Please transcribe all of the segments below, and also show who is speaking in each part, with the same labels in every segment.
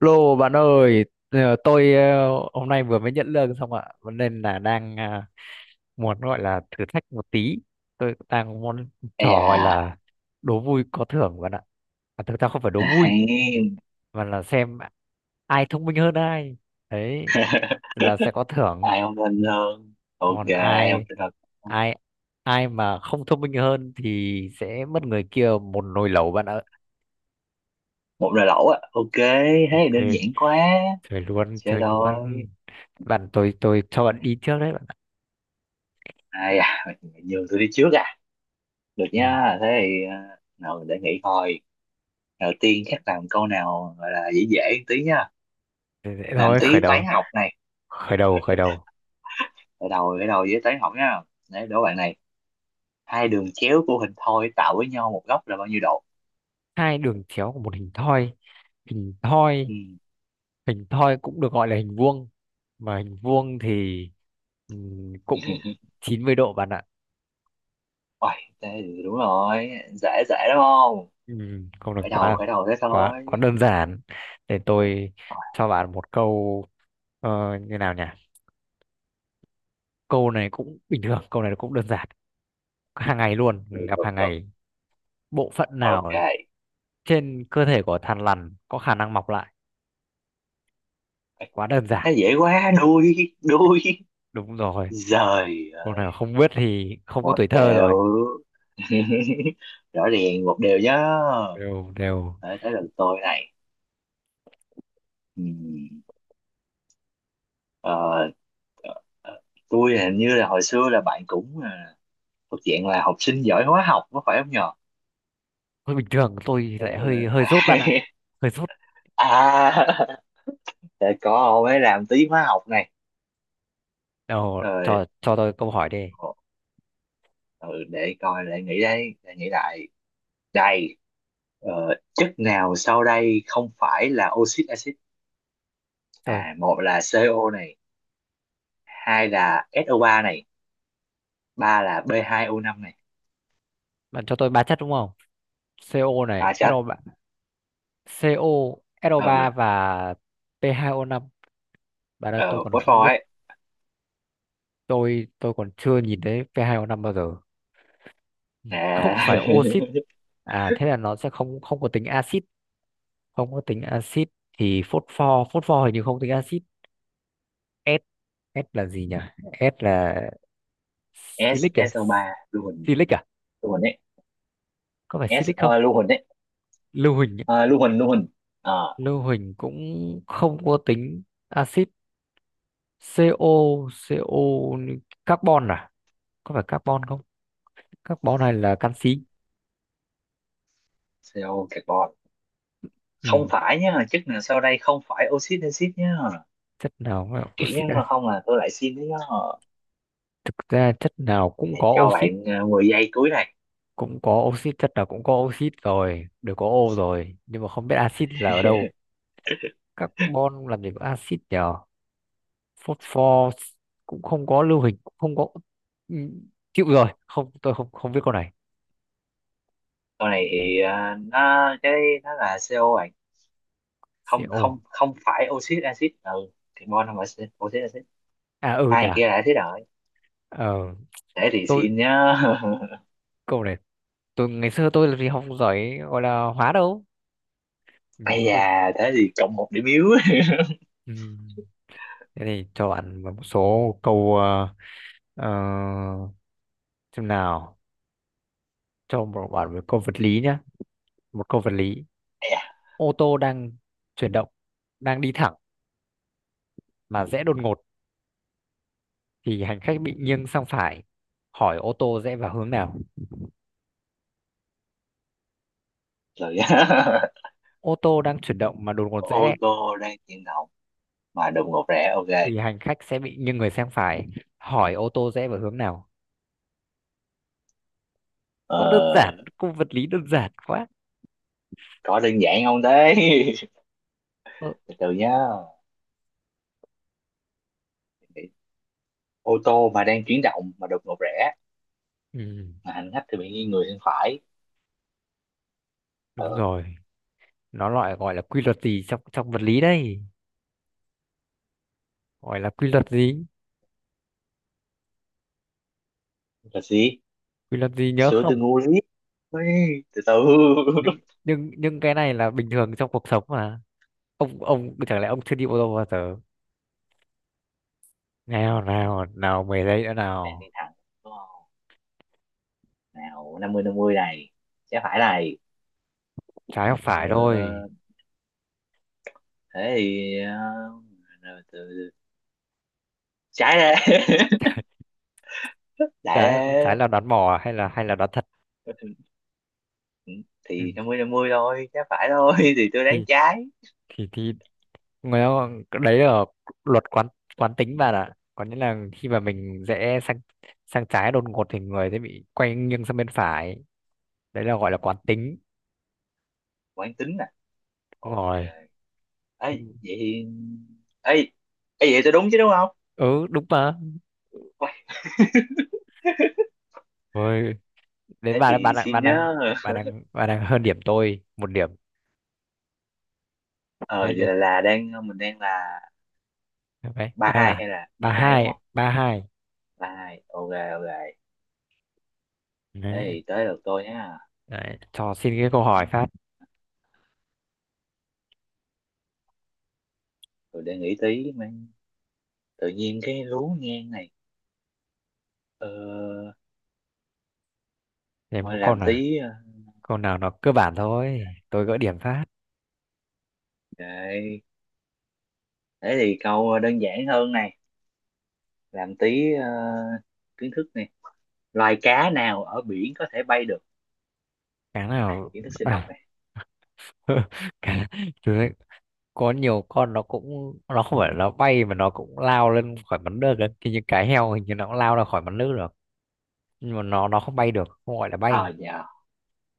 Speaker 1: Lô bạn ơi, tôi hôm nay vừa mới nhận lương xong ạ, cho nên là đang muốn gọi là thử thách một tí. Tôi đang muốn trò
Speaker 2: Ây da,
Speaker 1: gọi là đố vui có thưởng bạn ạ. À, thực ra không phải đố vui,
Speaker 2: Hay.
Speaker 1: mà là xem ai thông minh hơn ai. Đấy là sẽ có thưởng,
Speaker 2: Ai không tin hơn, ok,
Speaker 1: còn
Speaker 2: ai không
Speaker 1: ai
Speaker 2: tin hơn
Speaker 1: ai ai mà không thông minh hơn thì sẽ mất người kia một nồi lẩu bạn ạ.
Speaker 2: một lời lẩu á. Ok, thế thì
Speaker 1: Ok,
Speaker 2: đơn giản quá,
Speaker 1: chơi luôn,
Speaker 2: chơi
Speaker 1: chơi
Speaker 2: thôi.
Speaker 1: luôn. Bạn tôi cho bạn đi trước đấy.
Speaker 2: Ai à? Mày nhường tôi đi trước à? Được
Speaker 1: Ừ,
Speaker 2: nha, thế thì nào để nghĩ coi. Đầu tiên chắc làm câu nào gọi là dễ dễ một tí nha,
Speaker 1: dễ dễ
Speaker 2: làm
Speaker 1: thôi, khởi
Speaker 2: tí
Speaker 1: đầu
Speaker 2: toán học này.
Speaker 1: khởi đầu khởi đầu
Speaker 2: Ở đầu với toán học nha. Đấy, đố bạn này, hai đường chéo của hình thoi tạo với nhau một góc là bao nhiêu độ?
Speaker 1: hai đường chéo của một hình thoi, hình thoi
Speaker 2: Ừ.
Speaker 1: hình thoi cũng được gọi là hình vuông, mà hình vuông thì ừ, cũng 90° bạn ạ.
Speaker 2: Uầy, thế thì đúng rồi, dễ dễ đúng không,
Speaker 1: ừ, không được,
Speaker 2: khởi đầu
Speaker 1: quá
Speaker 2: khởi đầu thế
Speaker 1: quá quá
Speaker 2: thôi.
Speaker 1: đơn giản. Để tôi
Speaker 2: Rồi,
Speaker 1: cho bạn một câu, ờ, như nào nhỉ. Câu này cũng bình thường, câu này cũng đơn giản, hàng ngày luôn
Speaker 2: được
Speaker 1: gặp
Speaker 2: được
Speaker 1: hàng
Speaker 2: được,
Speaker 1: ngày. Bộ phận nào
Speaker 2: ok.
Speaker 1: ở trên cơ thể của thằn lằn có khả năng mọc lại?
Speaker 2: Ê,
Speaker 1: Quá đơn giản.
Speaker 2: thế dễ quá, đuôi, đuôi.
Speaker 1: Đúng rồi,
Speaker 2: Giời
Speaker 1: câu
Speaker 2: ơi,
Speaker 1: nào không biết thì không có
Speaker 2: một
Speaker 1: tuổi thơ rồi.
Speaker 2: đều. Rõ ràng một điều nhá.
Speaker 1: Đều đều.
Speaker 2: Đấy, tới lần tôi này. Ừm, ờ, ờ, ờ, tôi hình như là hồi xưa là bạn cũng thuộc diện là học sinh giỏi hóa học có phải không nhờ?
Speaker 1: Hơi bình thường, tôi thì
Speaker 2: Thế
Speaker 1: lại hơi hơi dốt bạn
Speaker 2: là-
Speaker 1: ạ, hơi dốt.
Speaker 2: À, để có mới làm tí hóa học này.
Speaker 1: Nào
Speaker 2: Rồi,
Speaker 1: cho tôi câu hỏi đi.
Speaker 2: ừ, để coi lại nghĩ đây, để nghĩ lại. Đây, chất nào sau đây không phải là oxit axit?
Speaker 1: Rồi,
Speaker 2: À, một là CO này, hai là so ba này, ba là b hai o năm này.
Speaker 1: bạn cho tôi ba chất đúng không? CO
Speaker 2: À
Speaker 1: này,
Speaker 2: chết.
Speaker 1: SO3, CO, so
Speaker 2: Ừ,
Speaker 1: ba và P2O5. Bạn ơi
Speaker 2: ờ,
Speaker 1: tôi còn không
Speaker 2: Phosphor
Speaker 1: biết,
Speaker 2: ấy.
Speaker 1: tôi còn chưa nhìn thấy P2O5 bao giờ. Ừ, không
Speaker 2: À,
Speaker 1: phải oxit à, thế là nó sẽ không không có tính axit, không có tính axit. Thì phốt pho, phốt pho hình như không tính axit. S, S là gì nhỉ? S là
Speaker 2: S,
Speaker 1: Silic à?
Speaker 2: so ba, lưu huỳnh,
Speaker 1: Silic à?
Speaker 2: lưu huỳnh ấy.
Speaker 1: Có phải
Speaker 2: S,
Speaker 1: Silic không?
Speaker 2: lưu huỳnh ấy.
Speaker 1: Lưu huỳnh ấy.
Speaker 2: Ờ, lưu huỳnh, lưu huỳnh. Ờ,
Speaker 1: Lưu huỳnh cũng không có tính axit. CO, CO, carbon à? Có phải carbon không? Carbon này là canxi.
Speaker 2: CO carbon. Không
Speaker 1: Ừ.
Speaker 2: phải nhá, chất nào sau đây không phải oxit axit nhá.
Speaker 1: Chất nào mà
Speaker 2: Kỹ
Speaker 1: oxit
Speaker 2: nhá,
Speaker 1: à?
Speaker 2: không là tôi lại xin đấy nhá.
Speaker 1: Thực ra chất nào cũng có
Speaker 2: Cho
Speaker 1: oxit,
Speaker 2: bạn 10 giây cuối này.
Speaker 1: cũng có oxit, chất nào cũng có oxit rồi, đều có O rồi, nhưng mà không biết axit là ở đâu. Carbon làm gì có axit nhỉ? Phốt pho cũng không có, lưu hình cũng không có. Ừ, chịu rồi, không, tôi không không biết câu này.
Speaker 2: Con này thì nó cái nó là CO bạn, không
Speaker 1: CO,
Speaker 2: không không phải oxit axit, ừ, carbon không phải oxit oxit axit,
Speaker 1: à ừ
Speaker 2: hai
Speaker 1: nhỉ.
Speaker 2: người kia là axit rồi,
Speaker 1: ờ,
Speaker 2: thế thì
Speaker 1: tôi
Speaker 2: xin nhá.
Speaker 1: câu này, tôi ngày xưa làm gì học giỏi gọi là hóa đâu. Ừ,
Speaker 2: Ây
Speaker 1: không.
Speaker 2: da, thế thì cộng một điểm yếu.
Speaker 1: Ừ, thế thì cho bạn một số câu, ờ, xem nào. Cho một bạn một câu vật lý nhé, một câu vật lý.
Speaker 2: Ây da,
Speaker 1: Ô tô đang chuyển động, đang đi thẳng mà rẽ đột ngột thì hành khách bị nghiêng sang phải, hỏi ô tô rẽ vào hướng nào?
Speaker 2: rồi nhá.
Speaker 1: Ô tô đang chuyển động mà đột ngột
Speaker 2: Ô
Speaker 1: rẽ
Speaker 2: tô đang chuyển động mà đụng ngột rẽ, ok.
Speaker 1: thì hành khách sẽ bị nghiêng người sang phải, hỏi ô tô rẽ vào hướng nào?
Speaker 2: ờ,
Speaker 1: Quá đơn giản, cung vật lý đơn giản quá.
Speaker 2: có đơn giản không thế?
Speaker 1: ừ,
Speaker 2: Từ từ nhá, ô tô mà đang chuyển động mà đột ngột rẽ
Speaker 1: ừ,
Speaker 2: mà hành khách thì bị nghiêng người sang phải. Ờ,
Speaker 1: đúng rồi. Nó loại gọi là quy luật gì trong trong vật lý đây? Gọi là quy luật gì?
Speaker 2: là gì?
Speaker 1: Quy luật gì nhớ
Speaker 2: Sữa từ
Speaker 1: không?
Speaker 2: ngu lý. Ui, từ từ.
Speaker 1: Nhưng cái này là bình thường trong cuộc sống mà. Ông chẳng lẽ ông chưa đi ô tô bao giờ? Nào nào nào, 10 giây nữa
Speaker 2: Đang đi
Speaker 1: nào.
Speaker 2: thẳng đúng không? Nào, năm mươi này, sẽ phải này.
Speaker 1: Trái hoặc phải thôi.
Speaker 2: ờ, Thế thì rồi từ từ- trái ra. Lại
Speaker 1: Trái trái
Speaker 2: ra.
Speaker 1: là đoán mò à, hay là đoán thật? Ừ.
Speaker 2: Thì năm mươi thôi, trái phải thôi. Thì tôi đoán
Speaker 1: thì
Speaker 2: trái.
Speaker 1: thì người ta gọi, đấy là luật quán quán tính bạn ạ, có nghĩa là khi mà mình rẽ sang, sang trái đột ngột thì người sẽ bị quay nghiêng sang bên phải, đấy là gọi là quán tính.
Speaker 2: Quán tính à?
Speaker 1: Đúng
Speaker 2: Ok.
Speaker 1: rồi.
Speaker 2: Ấy vậy thì ấy, ấy vậy tôi đúng chứ, đúng không?
Speaker 1: Ừ đúng mà.
Speaker 2: Uầy,
Speaker 1: Rồi, đến
Speaker 2: thế
Speaker 1: bạn,
Speaker 2: thì xin nhớ.
Speaker 1: bạn đang hơn điểm tôi một điểm.
Speaker 2: Ờ
Speaker 1: Đấy,
Speaker 2: giờ
Speaker 1: đến
Speaker 2: là đang mình đang là
Speaker 1: đấy,
Speaker 2: ba
Speaker 1: đang
Speaker 2: hai
Speaker 1: là
Speaker 2: hay là ba hai đúng không?
Speaker 1: ba hai.
Speaker 2: Ba hai, ok. Ok, thế
Speaker 1: Đấy,
Speaker 2: thì tới lượt tôi nhá.
Speaker 1: đấy cho xin cái câu hỏi phát.
Speaker 2: Tôi để nghĩ tí mà. Tự nhiên cái lú ngang này. ờ
Speaker 1: Em
Speaker 2: Thôi,
Speaker 1: có câu
Speaker 2: làm
Speaker 1: nào,
Speaker 2: tí,
Speaker 1: câu nào nó cơ bản thôi tôi gỡ điểm phát.
Speaker 2: để thế thì câu đơn giản hơn này. Làm tí, kiến thức này. Loài cá nào ở biển có thể bay được?
Speaker 1: Cái nào?
Speaker 2: Kiến thức sinh học
Speaker 1: À,
Speaker 2: này.
Speaker 1: cái, có nhiều con nó cũng, nó không phải nó bay mà nó cũng lao lên khỏi mặt nước ấy. Thì những cái heo hình như nó cũng lao ra khỏi mặt nước được, nhưng mà nó không bay được, không gọi là bay.
Speaker 2: Ờ dạ,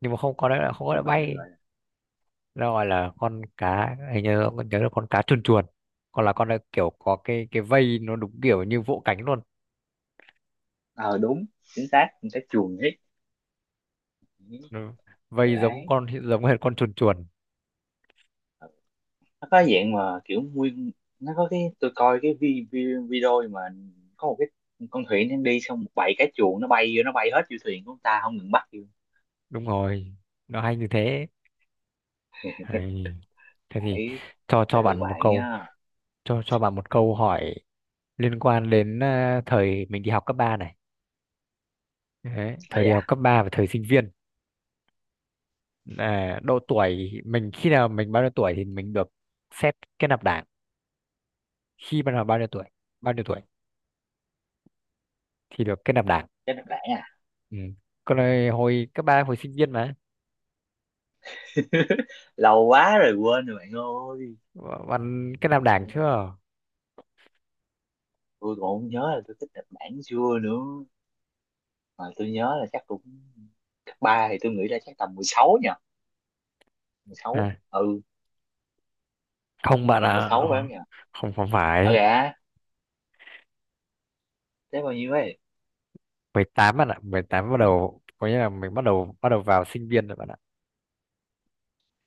Speaker 1: Nhưng mà không có, đấy là không gọi là
Speaker 2: đúng rồi, nó
Speaker 1: bay.
Speaker 2: gọi là
Speaker 1: Nó gọi là con cá, hình như nhớ là con cá chuồn chuồn. Còn là con này kiểu có cái vây nó đúng kiểu như vỗ cánh luôn.
Speaker 2: ờ đúng chính xác con cá chuồn hết.
Speaker 1: Nó vây giống
Speaker 2: Đấy,
Speaker 1: con, giống hệt con chuồn chuồn.
Speaker 2: nó có dạng mà kiểu nguyên, nó có cái, tôi coi cái vi, vi, video mà, có một cái con thuyền đang đi, xong một bầy cá chuồn nó bay vô, nó bay hết vô thuyền của người ta không ngừng bắt vô.
Speaker 1: Đúng rồi, nó hay như thế. Hay. Thế thì
Speaker 2: Phải,
Speaker 1: cho
Speaker 2: sẽ được
Speaker 1: bạn một
Speaker 2: bạn
Speaker 1: câu,
Speaker 2: nhá.
Speaker 1: cho bạn một câu hỏi liên quan đến thời mình đi học cấp 3 này. Đấy,
Speaker 2: Ờ
Speaker 1: thời đi học
Speaker 2: dạ,
Speaker 1: cấp 3 và thời sinh viên. À, độ tuổi mình, khi nào mình bao nhiêu tuổi thì mình được xét kết nạp đảng, khi bắt đầu bao nhiêu tuổi, bao nhiêu tuổi thì được kết nạp đảng?
Speaker 2: chắc là bạn à.
Speaker 1: Ừ. Còn hồi, hồi cấp ba hồi sinh viên mà
Speaker 2: Lâu quá rồi, quên rồi bạn ơi.
Speaker 1: bạn kết nạp đảng
Speaker 2: Nhưng mà
Speaker 1: chưa?
Speaker 2: tôi còn không nhớ là tôi thích Nhật Bản xưa nữa, mà tôi nhớ là chắc cũng cấp ba thì tôi nghĩ là chắc tầm 16 nhỉ. 16,
Speaker 1: À,
Speaker 2: ừ,
Speaker 1: không bạn
Speaker 2: mười
Speaker 1: ạ,
Speaker 2: sáu phải không nhỉ?
Speaker 1: không không
Speaker 2: Ờ
Speaker 1: phải.
Speaker 2: dạ, thế bao nhiêu ấy?
Speaker 1: 18 bạn ạ, 18 bắt đầu, có nghĩa là mình bắt đầu, vào sinh viên rồi bạn ạ,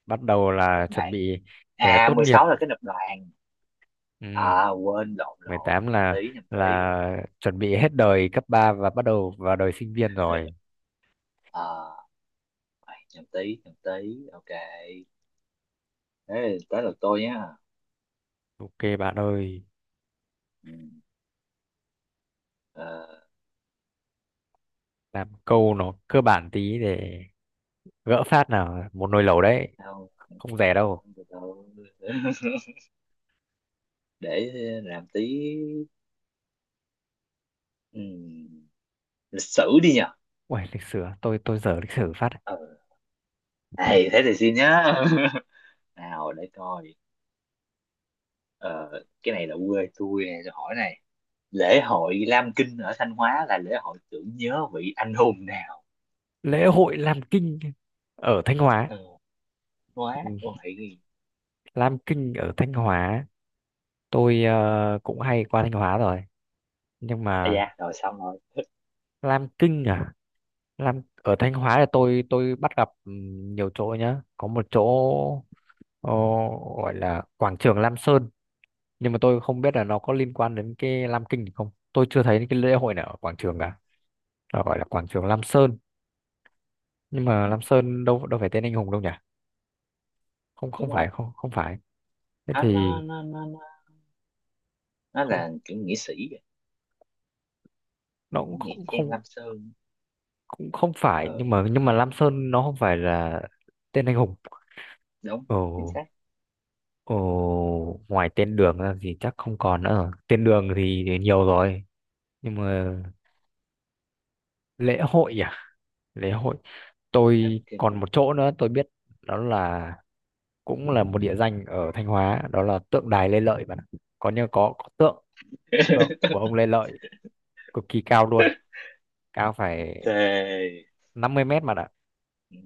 Speaker 1: bắt đầu
Speaker 2: Nhật
Speaker 1: là chuẩn
Speaker 2: Bản,
Speaker 1: bị để
Speaker 2: à
Speaker 1: tốt
Speaker 2: mười
Speaker 1: nghiệp.
Speaker 2: sáu là cái nập đoàn,
Speaker 1: Ừ.
Speaker 2: à quên, lộn
Speaker 1: mười
Speaker 2: lộn,
Speaker 1: tám
Speaker 2: nhầm
Speaker 1: là
Speaker 2: tí nhầm tí.
Speaker 1: chuẩn bị hết đời cấp 3 và bắt đầu vào đời sinh viên rồi.
Speaker 2: À, nhầm tí nhầm tí, ok, thế tới lượt tôi nhá.
Speaker 1: Ok bạn ơi,
Speaker 2: Ừ. ờ,
Speaker 1: làm câu nó cơ bản tí để gỡ phát nào, một nồi lẩu đấy,
Speaker 2: Đâu?
Speaker 1: không rẻ
Speaker 2: Ờ,
Speaker 1: đâu.
Speaker 2: từ từ. Để làm tí, ừm, lịch sử đi nhờ.
Speaker 1: Uầy, lịch sử à? Tôi dở lịch sử phát.
Speaker 2: Ừ. Ê, thế thì xin nhá. Nào để coi. Ờ, cái này là quê tôi nè, tôi hỏi này, lễ hội Lam Kinh ở Thanh Hóa là lễ hội tưởng nhớ vị anh hùng nào?
Speaker 1: Lễ hội Lam Kinh ở Thanh Hóa.
Speaker 2: Ừ. Hóa
Speaker 1: Ừ,
Speaker 2: ôi.
Speaker 1: Lam Kinh ở Thanh Hóa, tôi cũng hay qua Thanh Hóa rồi, nhưng
Speaker 2: À,
Speaker 1: mà
Speaker 2: dạ rồi, xong rồi.
Speaker 1: Lam Kinh à? Lam ở Thanh Hóa là tôi bắt gặp nhiều chỗ nhá, có một chỗ Ồ, gọi là quảng trường Lam Sơn, nhưng mà tôi không biết là nó có liên quan đến cái Lam Kinh thì không, tôi chưa thấy cái lễ hội nào ở quảng trường cả. Nó gọi là quảng trường Lam Sơn, nhưng mà
Speaker 2: Ừ,
Speaker 1: Lam Sơn đâu đâu phải tên anh hùng đâu nhỉ? Không không
Speaker 2: đúng rồi.
Speaker 1: phải, thế
Speaker 2: Nó nó
Speaker 1: thì
Speaker 2: nó nó nó nó
Speaker 1: không.
Speaker 2: là kiểu nghĩa sĩ vậy.
Speaker 1: Nó
Speaker 2: Ừ,
Speaker 1: cũng
Speaker 2: nghĩa
Speaker 1: không
Speaker 2: trang
Speaker 1: không
Speaker 2: Lam Sơn.
Speaker 1: cũng không phải.
Speaker 2: Ờ
Speaker 1: Nhưng mà Lam Sơn nó không phải là tên anh hùng.
Speaker 2: đúng
Speaker 1: Ồ
Speaker 2: chính xác,
Speaker 1: ồ ngoài tên đường ra thì chắc không còn nữa rồi. Tên đường thì nhiều rồi. Nhưng mà lễ hội à, lễ hội
Speaker 2: Lam
Speaker 1: tôi còn
Speaker 2: Kinh.
Speaker 1: một chỗ nữa tôi biết, đó là cũng là một địa danh ở Thanh Hóa, đó là tượng đài Lê Lợi bạn ạ. Có như có tượng, của ông Lê Lợi cực kỳ cao luôn, cao phải
Speaker 2: Thề.
Speaker 1: 50 m mà ạ.
Speaker 2: Ừ.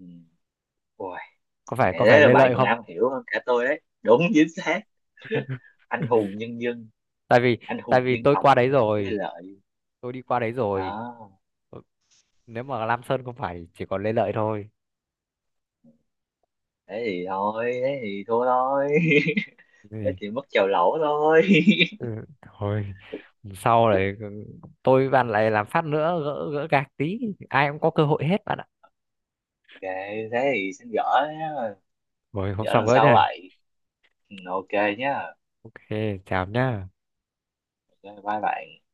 Speaker 2: Wow.
Speaker 1: Có phải
Speaker 2: Thế là
Speaker 1: Lê
Speaker 2: bạn
Speaker 1: Lợi
Speaker 2: còn
Speaker 1: không?
Speaker 2: am hiểu hơn cả tôi đấy, đúng chính xác, anh hùng nhân dân,
Speaker 1: Tại vì
Speaker 2: anh hùng dân
Speaker 1: tôi
Speaker 2: tộc,
Speaker 1: qua đấy
Speaker 2: Thế
Speaker 1: rồi,
Speaker 2: Lợi
Speaker 1: tôi đi qua đấy rồi.
Speaker 2: đó.
Speaker 1: Ừ, nếu mà Lam Sơn không phải chỉ còn Lê Lợi thôi.
Speaker 2: Thế thì thôi, thế thì thua thôi. Thế
Speaker 1: Ừ.
Speaker 2: thì mất chèo lẩu thôi.
Speaker 1: Ừ, thôi sau này, tôi với bạn lại làm phát nữa, gỡ gỡ gạc tí, ai cũng có cơ hội hết bạn ạ.
Speaker 2: Ok, thế thì xin gỡ nhá,
Speaker 1: Rồi hôm
Speaker 2: gỡ
Speaker 1: sau
Speaker 2: lần
Speaker 1: gỡ
Speaker 2: sau
Speaker 1: nhá.
Speaker 2: vậy. Ừ, ok nhá.
Speaker 1: Ok, chào nhá.
Speaker 2: Ok bye bạn.